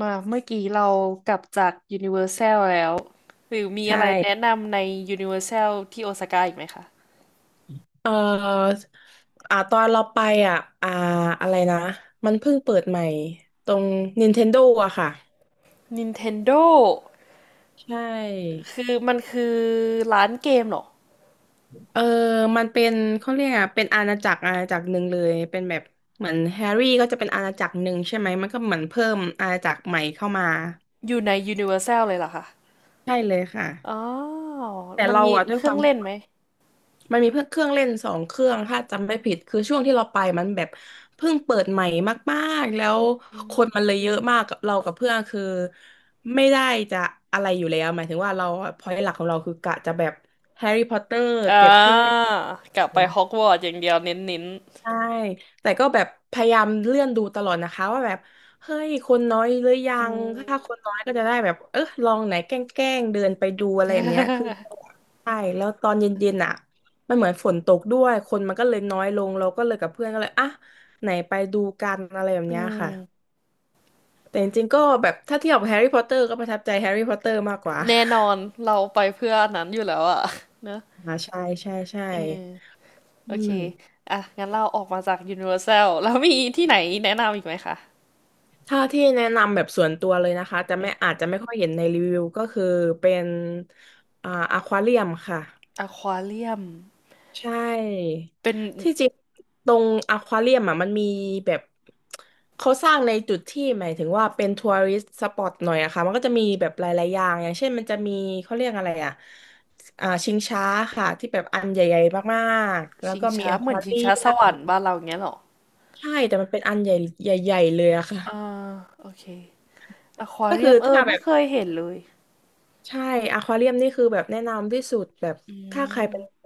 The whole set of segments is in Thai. มาเมื่อกี้เรากลับจากยูนิเวอร์แซลแล้วหรือมีใช่อะไรแนะนำในยูนิเวอร์แซลที่โอซาก้าอีกไหมคะ เอ่อตอนเราไปอ่ะอ่าอะไรนะมันเพิ่งเปิดใหม่ ตรง Nintendo อะค่ะ Nintendo ใช่คือมันคือร้านเกมเหรอเออมันเป็นเขาเรียกอะเป็นอาณาจักรอาณาจักรหนึ่งเลยเป็นแบบเหมือนแฮร์รี่ก็จะเป็นอาณาจักรหนึ่งใช่ไหม มันก็เหมือนเพิ่มอาณาจักรใหม่เข้ามา อยู่ในยูนิเวอร์แซลเลยเหรอคะใช่เลยค่ะ อ๋อแต่มันเรามีอะด้วเคยครื่อวางม เล่นไหมมันมีเพื่อเครื่องเล่นสองเครื่องถ้าจำไม่ผิดคือช่วงที่เราไปมันแบบเพิ่งเปิดใหม่มากๆแล้วอืคมนมันเลยเยอะมากกับเรากับเพื่อนคือไม่ได้จะอะไรอยู่แล้วหมายถึงว่าเราพอยหลักของเราคือกะจะแบบแฮร์รี่พอตเตอร์อ่เก็บเครื่องเล่าน กลับไปฮอกวอตส์อย่างเดียวเน้นใช่แต่ก็แบบพยายามเลื่อนดูตลอดนะคะว่าแบบเฮ้ยคนน้อยหรือยัๆอืงถ้าคมนน้อยก็จะได้แบบเออลองไหนแกล้งๆเดินไปดูอะไรแบบเนี้ยคือใช่แล้วตอนเย็นๆอ่ะมันเหมือนฝนตกด้วยคนมันก็เลยน้อยลงเราก็เลยกับเพื่อนก็เลยไหนไปดูกันอะไรแบบอืเนี้ยค่ะมแต่จริงๆก็แบบถ้าเทียบกับแฮร์รี่พอตเตอร์ก็ประทับใจแฮร์รี่พอตเตอร์มากกว่า แน่นอนเราไปเพื่ออันนั้นอยู่แล้วอะเนอะ ใช่ใช่ใช่เออ โออืเค ม อ่ะ งั้นเราออกมาจาก Universal แล้วมีที่ไหนแนะนำอีกไหมคะถ้าที่แนะนำแบบส่วนตัวเลยนะคะจะอืไม่มอาจจะไม่ค่อยเห็นในรีวิวก็คือเป็นอควาเรียมค่ะอควาเรียมใช่เป็นที่จริงตรงอควาเรียมอ่ะมันมีแบบเขาสร้างในจุดที่หมายถึงว่าเป็นทัวริสต์สปอตหน่อยอะค่ะมันก็จะมีแบบหลายๆอย่างอย่างเช่นมันจะมีเขาเรียกอะไรอ่ะชิงช้าค่ะที่แบบอันใหญ่ๆมากๆแล้วชิงก็มีช้าอเหคมือนวาชิงเรีช้ายสมวรรค์บ้านเราอย่างเงี้ยเหรอใช่แต่มันเป็นอันใหญ่ใหญ่ๆเลยอะค่ะอ่าโอเคอควาก็เรีคือยมเออถ้าแบไม่บ เคยเห็นเลย ใช่อควาเรียมนี่คือแบบแนะนำที่สุดแบบอืถ้าใครเป็นม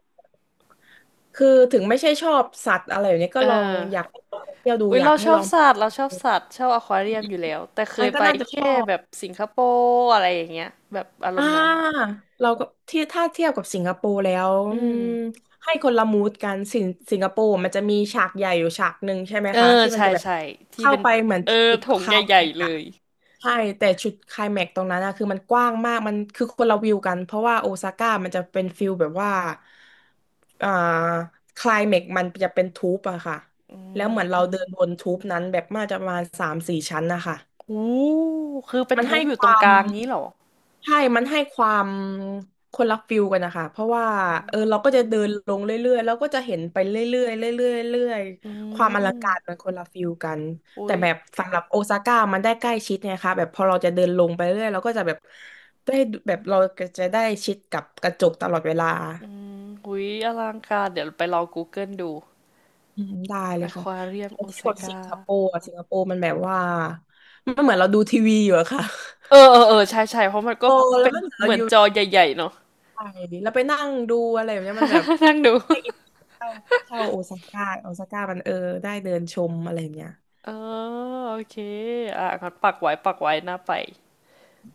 คือถึงไม่ใช่ชอบสัตว์อะไรอย่างนี้ก็เอลองอยากอ ให้ลองเที่ยวดูอุ๊ยอยากเราให้ชอลบองสัตว์เราชอบสัตว์ชอบอควาเรียมอยู่แล้ว แต่เคมัยนก็ไปน่าจะชแค่อบแบบสิงคโปร์อะไรอย่างเงี้ยแบบอารอ่ามณ์นั้น เราก็ที่ถ้าเทียบกับสิงคโปร์แล้วอือืมม ให้คนละมูดกันสิงคโปร์มันจะมีฉากใหญ่อยู่ฉากหนึ่งใช่ไหมเออคะที่มันใช่จะแบบใช่ที่เข้าเป็นไปเหมือนเออจุดโถไคงลายใหญ่แม็กๆซ์เลอะ ยใช่แต่จุดไคลแม็กซ์ตรงนั้นอะคือมันกว้างมากมันคือคนละวิวกันเพราะว่าโอซาก้ามันจะเป็นฟิลแบบว่าอ่าไคลแม็กซ์มันจะเป็นทูปอะค่ะอืแล้วเหมือนเราม เดินบนทูปนั้นแบบมาจะประมาณสามสี่ชั้นนะคะโอ้คือเป็นมันทูให้บอคยู่ตรงวากม ลางนี้เหรอ ใช่ มันให้ความคนละฟิลกันนะคะ เพราะว่าเออเราก็จะเดินลงเรื่อยๆแล้วก็จะเห็นไปเรื่อยๆเรื่อยๆเรื่อยอืๆความอลังการมมันคนละฟิลกันอุ๊แต่ยแบบสำหรับโอซาก้ามันได้ใกล้ชิดไงคะแบบพอเราจะเดินลงไปเรื่อยเราก็จะแบบได้แบบเราก็จะได้ชิดกับกระจกตลอดเวลาอืมอุ๊ยอลังการเดี๋ยวไปลอง Google ดูอืมได้เลอยคค่ะวาเรียมแต่โอที่กซาดสิก้างคโปร์อะสิงคโปร์มันแบบว่ามันเหมือนเราดูทีวีอยู่อะค่ะ เออเอ อเออใช่ใช่เพราะมันก็โอ้เป็แล้วนมันเหมือนเราเหมืออนยู่ จอใหญ่ๆเนาะ ใช่แล้วไปนั่งดูอะไรแบบเนี้ยมันแบบ นั่งดู ได้อินเข้าเข่าโอซาก้าโอซาก้ามันเออได้เดินชมอะไรแบบเนี้ยเออโอเคอ่ะงั้นปักไว้ปักไว้หน้าไป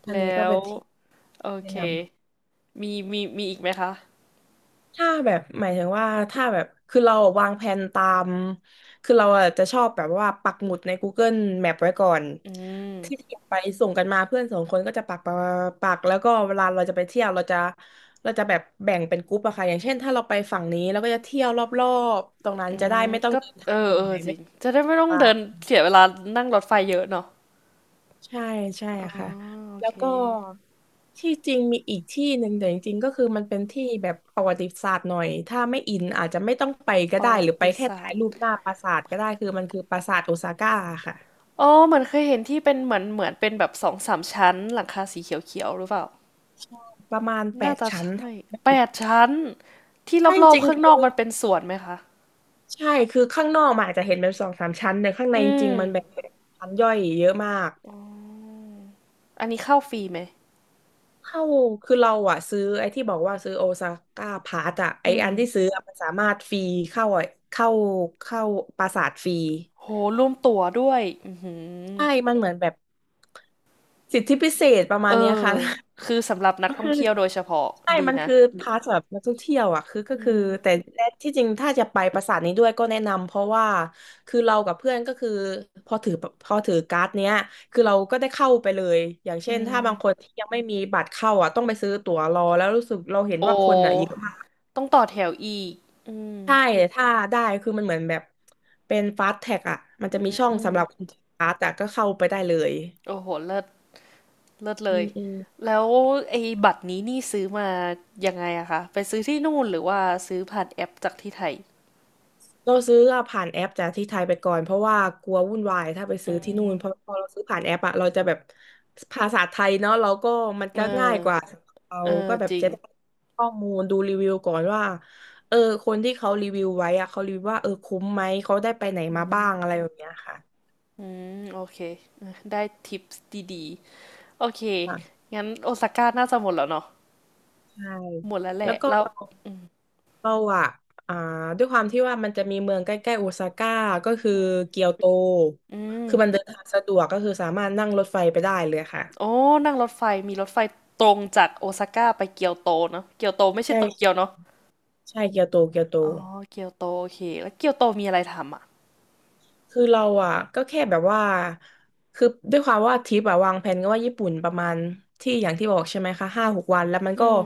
อัแลนนี้้ก็วเป็นที่โอแนะเค นมีมีมีอีกไหมคะ ำถ้าแบบหมายถึงว่าถ้าแบบคือเราวางแผนตามคือเราอะจะชอบแบบว่าปักหมุดใน Google Map ไว้ก่อนอืที่ม อยากไปส่งกันมาเพื่อนสองคนก็จะปักปักปักแล้วก็เวลาเราจะไปเที่ยวเราเราจะแบบแบ่งเป็นกรุ๊ปอะค่ะอย่างเช่นถ้าเราไปฝั่งนี้เราก็จะเที่ยวรอบๆตรงนั้นอืจะได้มไม่ต้องก็เดินทาเอองเหนื่เอออยจไม่ริงจะได้ไม่ต้องต้อเดินง เสียเวลานั่งรถไฟเยอะเนาะใช่ใช่อ๋อค่ะโอแล้วเค ก็ที่จริงมีอีกที่หนึ่งแต่จริงๆก็คือมันเป็นที่แบบประวัติศาสตร์หน่อยถ้าไม่อินอาจจะไม่ต้องไปก็ประได้วัหรือไปติแค่ศาถ่าสยตร์ รูปหน้าปราสาทก็ได้คือมันคือปราสาทโอซาก้าค่ะอ๋อเหมือนเคยเห็นที่เป็นเหมือนเหมือนเป็นแบบ2-3 ชั้นหลังคาสีเขียวๆหรือเปล่า ใช่ประมาณแปน่าดจะชั้ใชน่ถ้าจำไม่แปผิดดชั้นที่ใช่รอจบริๆงข้างนคืออกมันเป็นสวนไหมคะ ใช่คือข้างนอกมันอาจจะเห็นเป็นสองสามชั้นแต่ข้างในอืจม ริงๆมันแบบชั้นย่อยเยอะมาก อันนี้เข้าฟรีไหม เข้า คือเราอะซื้อไอ้ที่บอกว่าซื้อโอซาก้าพาสอะอืไอ้ม อันที่ซื้ออะมันสามารถฟรีเข้าอะเข้า เข้าปราสาทฟรีโห รวมตั๋วด้วย อือหือใช่มันเหมือนแบบสิทธิพิเศษประเอมาอ ณเนี้ยค่ะ คือสำหรับนัก ท่องคือ เที่ยวโดยเฉพาะใช่ดีมันนะ คือพาสำหรับนักท่องเที่ยวอ่ะคือก็อืคือมแต่ที่จริงถ้าจะไปปราสาทนี้ด้วยก็แนะนำเพราะว่าคือเรากับเพื่อนก็คือพอถือพอถือการ์ดเนี้ยคือเราก็ได้เข้าไปเลยอย่างเช่นถ้าบางคนที่ยังไม่มีบัตรเข้าอ่ะต้องไปซื้อตั๋วรอแล้วรู้สึกเราเห็นโอ้ ว่าคนอ่ะเยอะมากต้องต่อแถวอีก อืมใช่ถ้าได้คือมันเหมือนแบบเป็นฟาสแท็กอ่ะมันจะมีช่องสำหรับคนถือการ์ดแต่ก็เข้าไปได้เลยโอ้โหเลิศ เลิศเลอืยม แล้วไอ้บัตรนี้นี่ซื้อมายังไงอะคะ ไปซื้อที่นู่นหรือว่าซื้อผ่านแอปจากที่ไทยเราซื้ออะผ่านแอปจากที่ไทยไปก่อนเพราะว่ากลัววุ่นวายถ้าไปซื้อที่นู่นเพราะพอเราซื้อผ่านแอปอะเราจะแบบภาษาไทยเนาะเราก็มันเอก็อง่ายกว่าเราเออก็แบบจริจะง ได้ข้อมูลดูรีวิวก่อนว่าเออคนที่เขารีวิวไว้อะเขารีวิวว่าเออคุ้มไหมเขาได้ไปไหนมาบ้างอะไรแบบเนี้ยค่ะอืมโอเคเออได้ทิปส์ดีๆ โอเคค่ะงั้นโอซาก้าน่าจะหมดแล้วเนาะใช่หมดแล้วแหแล้ละ วก็แล้ว เราอืมเราอะอ่าด้วยความที่ว่ามันจะมีเมืองใกล้ๆโอซาก้าก็คือเกียวโตอืมคือมันเดินทางสะดวกก็คือสามารถนั่งรถไฟไปได้เลยค่ะโอ้นั่งรถไฟ มีรถไฟตรงจากโอซาก้าไปเกียวโตเนาะเกียวโตไม่ใช่โตเกียวใช่ เนาะใช่เกียวโตเกียวโตอ๋อเกียวโตโอเคแล้วเกียวโตมีอะไรทำอ่ะคือเราอ่ะก็แค่แบบว่าคือด้วยความว่าทริปอ่ะวางแผนก็ว่าญี่ปุ่นประมาณที่อย่างที่บอกใช่ไหมคะห้าหกวันแล้วมันอืก็ม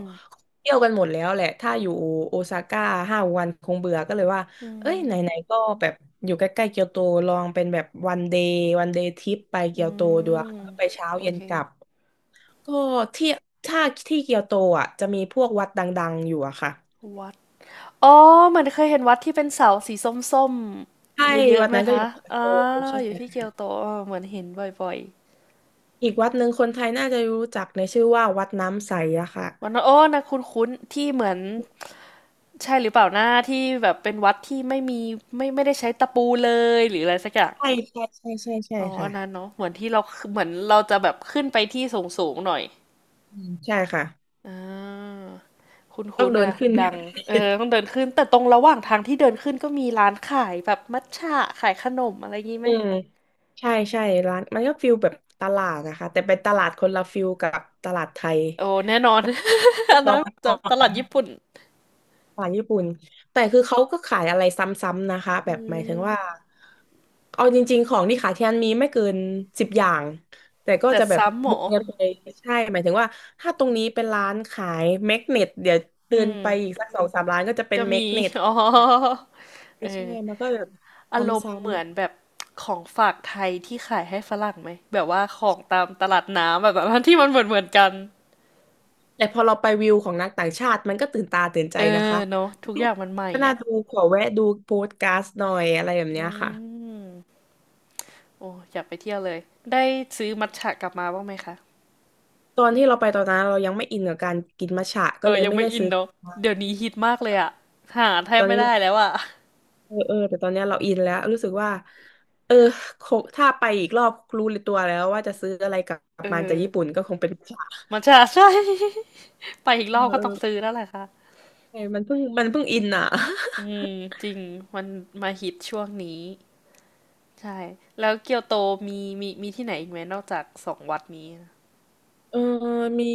เที่ยวกันหมดแล้วแหละถ้าอยู่โอซาก้าห้าวันคงเบื่อก็เลยว่าอืเอ้ยไหนมๆก็แบบอยู่ใกล้ๆเกียวโตลองเป็นแบบวันเดย์ทริปไปเกีอืยวโตดูอะมไปเช้าโอเย็นเค กลับก็ที่ถ้าที่เกียวโตอ่ะจะมีพวกวัดดังๆอยู่อะค่ะวัด อ๋อเหมือนเคยเห็นวัดที่เป็นเสาสีส้มใช่ๆเยอะวัๆดไหมนั้นก็อคะยู่เกียวอ่าโตใช่อไหยู่ที่เกีม ยวโตเออเหมือนเห็นบ่อยอีกวัดหนึ่งคนไทยน่าจะรู้จักในชื่อว่าวัดน้ำใสอะค่ะๆวันนั้นโอ้นะคุ้นๆที่เหมือนใช่หรือเปล่าหน้าที่แบบเป็นวัดที่ไม่มีไม่ไม่ได้ใช้ตะปูเลยหรืออะไรสักอย่างใช่ใช่ใช่ใช่ใช่อ๋ออัค่ะนนั้นเนาะเหมือนที่เราเหมือนเราจะแบบขึ้นไปที่สูงๆหน่อยอืมใช่ค่ะอ่าคุต้อ้งนๆเดินอ่ะขึ้น ดัง เออต้องเดินขึ้นแต่ตรงระหว่างทางที่เดินขึ้นก็มีร้านขายแบบมัทฉะขายขนมอะไรงี้ไหม อืมใช่ใช่ร้านมันก็ฟิลแบบตลาดนะคะแต่เป็นตลาดคนละฟิลกับตลาดไทยโอ้แน่นอน เรีอัยบนร้นั้อย นจะตลาดญี่ปุ่นขายญี่ปุ่นแต่คือเขาก็ขายอะไรซ้ำๆนะคะแบอืบหมายถึงมว่าเอาจริงๆของที่ขายที่นั่นมีไม่เกิน10อย่างแต่ก็แต่จะแบบซ้ำหมบวอกกันไปใช่หมายถึงว่าถ้าตรงนี้เป็นร้านขายแมกเนตเดี๋ยวอืเดินมไปอีกสักสองสามร้านก็จะเป็นก็แมมีกเนตอ๋อเอใช่อมันก็แบบอารมณ์เหมืซ้ำอนแบบของฝากไทยที่ขายให้ฝรั่งไหมแบบว่าของตามตลาดน้ำแบบ นั้นที่มันเหมือนเหมือนกันๆแต่พอเราไปวิวของนักต่างชาติมันก็ตื่นตาตื่นใจเออนะคะเนอะทุกอย่างมันใหม่ก็น่าอ่ะดูขอแวะดูโพสต์การ์ดหน่อยอะไรแบบอืเนี้ยค่ะ มโอ้อยากไปเที่ยวเลยได้ซื้อมัทฉะกลับมาบ้างไหมคะตอนที่เราไปตอนนั้นเรายังไม่อินกับการกินมัทฉะเอก็เลอยยังไม่ไม่ได้อินซื้อเนอะมาเดี๋ยวนี้ฮิตมากเลยอ่ะหาแทตบอนไม่นี้เราได้แล้วอะเออเออแต่ตอนเนี้ยเราอินแล้วรู้สึกว่าเออคงถ้าไปอีกรอบรู้ตัวแล้วว่าจะซื้ออะไรกลัเอบอมาจากญี่ปุ่นก็คงเป็นมัทฉะมัทฉะใช่ ไปอีกเอรอบอก็เอต้องอซื้อแล้วแหละค่ะเออมันเพิ่งอินอ่ะอืมจริงมันมาฮิตช่วงนี้ใช่แล้วเกียวโตมีมีมีที่ไหนอีกไหมนอกจาก2 วัดนี้นะเออมี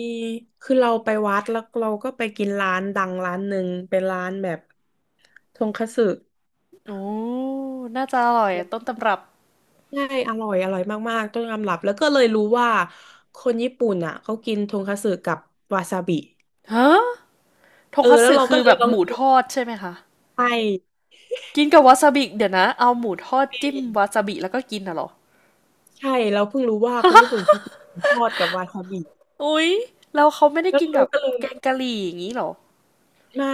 คือเราไปวัดแล้วเราก็ไปกินร้านดังร้านหนึ่งเป็นร้านแบบทงคัตสึ โอ้น่าจะอร่อยต้นตำรับใช่อร่อยมากๆต้องยอมรับ แล้วก็เลยรู้ว่าคนญี่ปุ่นอ่ะเขากินทงคัตสึกับวาซาบิฮะทเองอคัตแล้วสึเราคืก็อเลแบยบลอหงมูกิทนอดใช่ไหมคะใช่ กินกับวาซาบิเดี๋ยวนะเอาหมูทอดจิ้มวาซาบิแล้วก็กินน่ะเหรอใช่เราเพิ่งรู้ว่าคนญี่ปุ่นเขากินทอดกับวาซาบิอุ๊ยแล้วเขาไม่ได้แล้วกินเรากับก็เลยแกงกะหรี่อย่างนี้เหรอไม่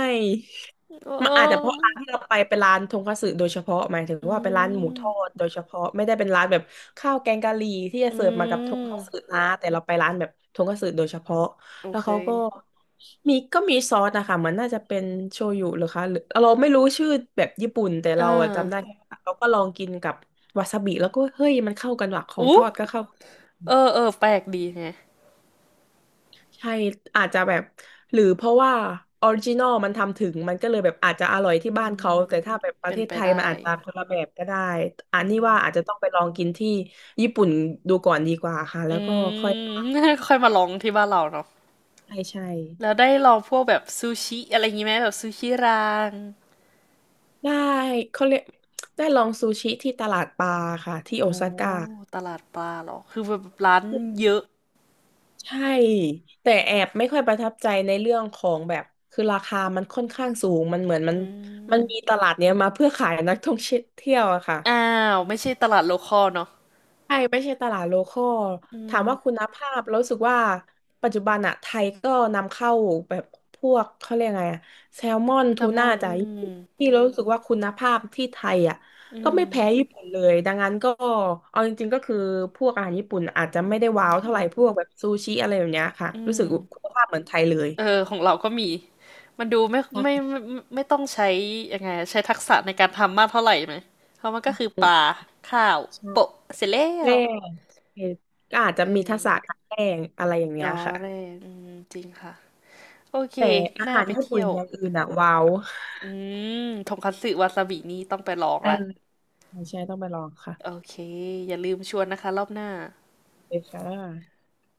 เมันอาจจะเพราะออร้านที่เราไปเป็นร้านทงคัตสึโดยเฉพาะหมายถึงอืว่าเป็นร้านหมูทอดมโดยเฉพาะไม่ได้เป็นร้านแบบข้าวแกงกะหรี่ที่จะอืเสิร์ฟมากับทงคัตสึมนะแต่เราไปร้านแบบทงคัตสึโดยเฉพาะโอแล้วเคเขาก็มีก็มีซอสนะคะเหมันน่าจะเป็นโชยุหรือคะหรือเราไม่รู้ชื่อแบบญี่ปุ่นแต่เอเราอะจำได้อเราก็ลองกินกับวาซาบิแล้วก็เฮ้ยมันเข้ากันว่ะของอู้ทอดก็เข้า เออเออแปลกดีไง ใช่อาจจะแบบหรือเพราะว่าออริจินอลมันทำถึงมันก็เลยแบบอาจจะอร่อยที่อืบ้านมเขาแต่ถ้าแบบประเป็เทนศไปไทยได้มันอาจจะคนละแบบก็ได้อัอืนนี้ม ว่าอาจจะต้องไปลองกินที่ญี่ปุ่นดูก่อนดีกว่าค่ะ อืแล้วก็ค่อยม ค่อยมาลองที่บ้านเราเนาะใช่ใช่แล้วได้ลองพวกแบบซูชิอะไรอย่างงี้ไหมแบบซูชิรางได้เขาเรียกได้ลองซูชิที่ตลาดปลาค่ะที่โอโอ้ซาก้าตลาดปลาเหรอ คือแบบร้านเยอะใช่แต่แอบไม่ค่อยประทับใจในเรื่องของแบบคือราคามันค่อนข้างสูงมันเหมือนมันอืมันมีมตลาดเนี้ยมาเพื่อขายนักท่องเที่ยวอะค่ะ อ้าวไม่ใช่ตลาดโลคอลเนาะใช่ไม่ใช่ตลาดโลคอลอืถามมว่าคุณภาพรู้สึกว่าปัจจุบันอะไทยก็นำเข้าแบบพวกเขาเรียกไงอะแซลมอนแซทูลมน่าอนจาอืกญี่ปุ่นมที่เรารู้สึกว่าคุณภาพที่ไทยอะอืก็ไม่แพ้มญี่ปุ่นเลยดังนั้นก็เอาจริงๆก็คือพวกอาหารญี่ปุ่นอาจจะไม่ได้ว้าวเท่าไหร่พวกแบบซูชิอะไรแบบเนี้ยค่ะอืรู้สึมกคุณภาพเหมือนไทยเลยเออของเราก็มี มันดูไม่ไม่ใช่ไม่ไม่ไม่ต้องใช้ยังไงอะใช้ทักษะในการทำมากเท่าไหร่ไหมเพราะมันก็คือปลาข้าวใช่โปะเสร็จแล้แป้ว งก็อาจจะอืมีทักษะมการแป้งอะไรอย่างเงี้อ๋ยอค่ะเร่อืมจริงค่ะ โอเคแต่อาน่าหารไปญี่เที่ปุ่นยว อย่างอื่นอะว้าว อืมทงคัตสึวาซาบินี่ต้องไปลองละใช่ใช่ต้องไปลองค่ะโอเค อย่าลืมชวนนะคะรอบหน้าเลยค่ะ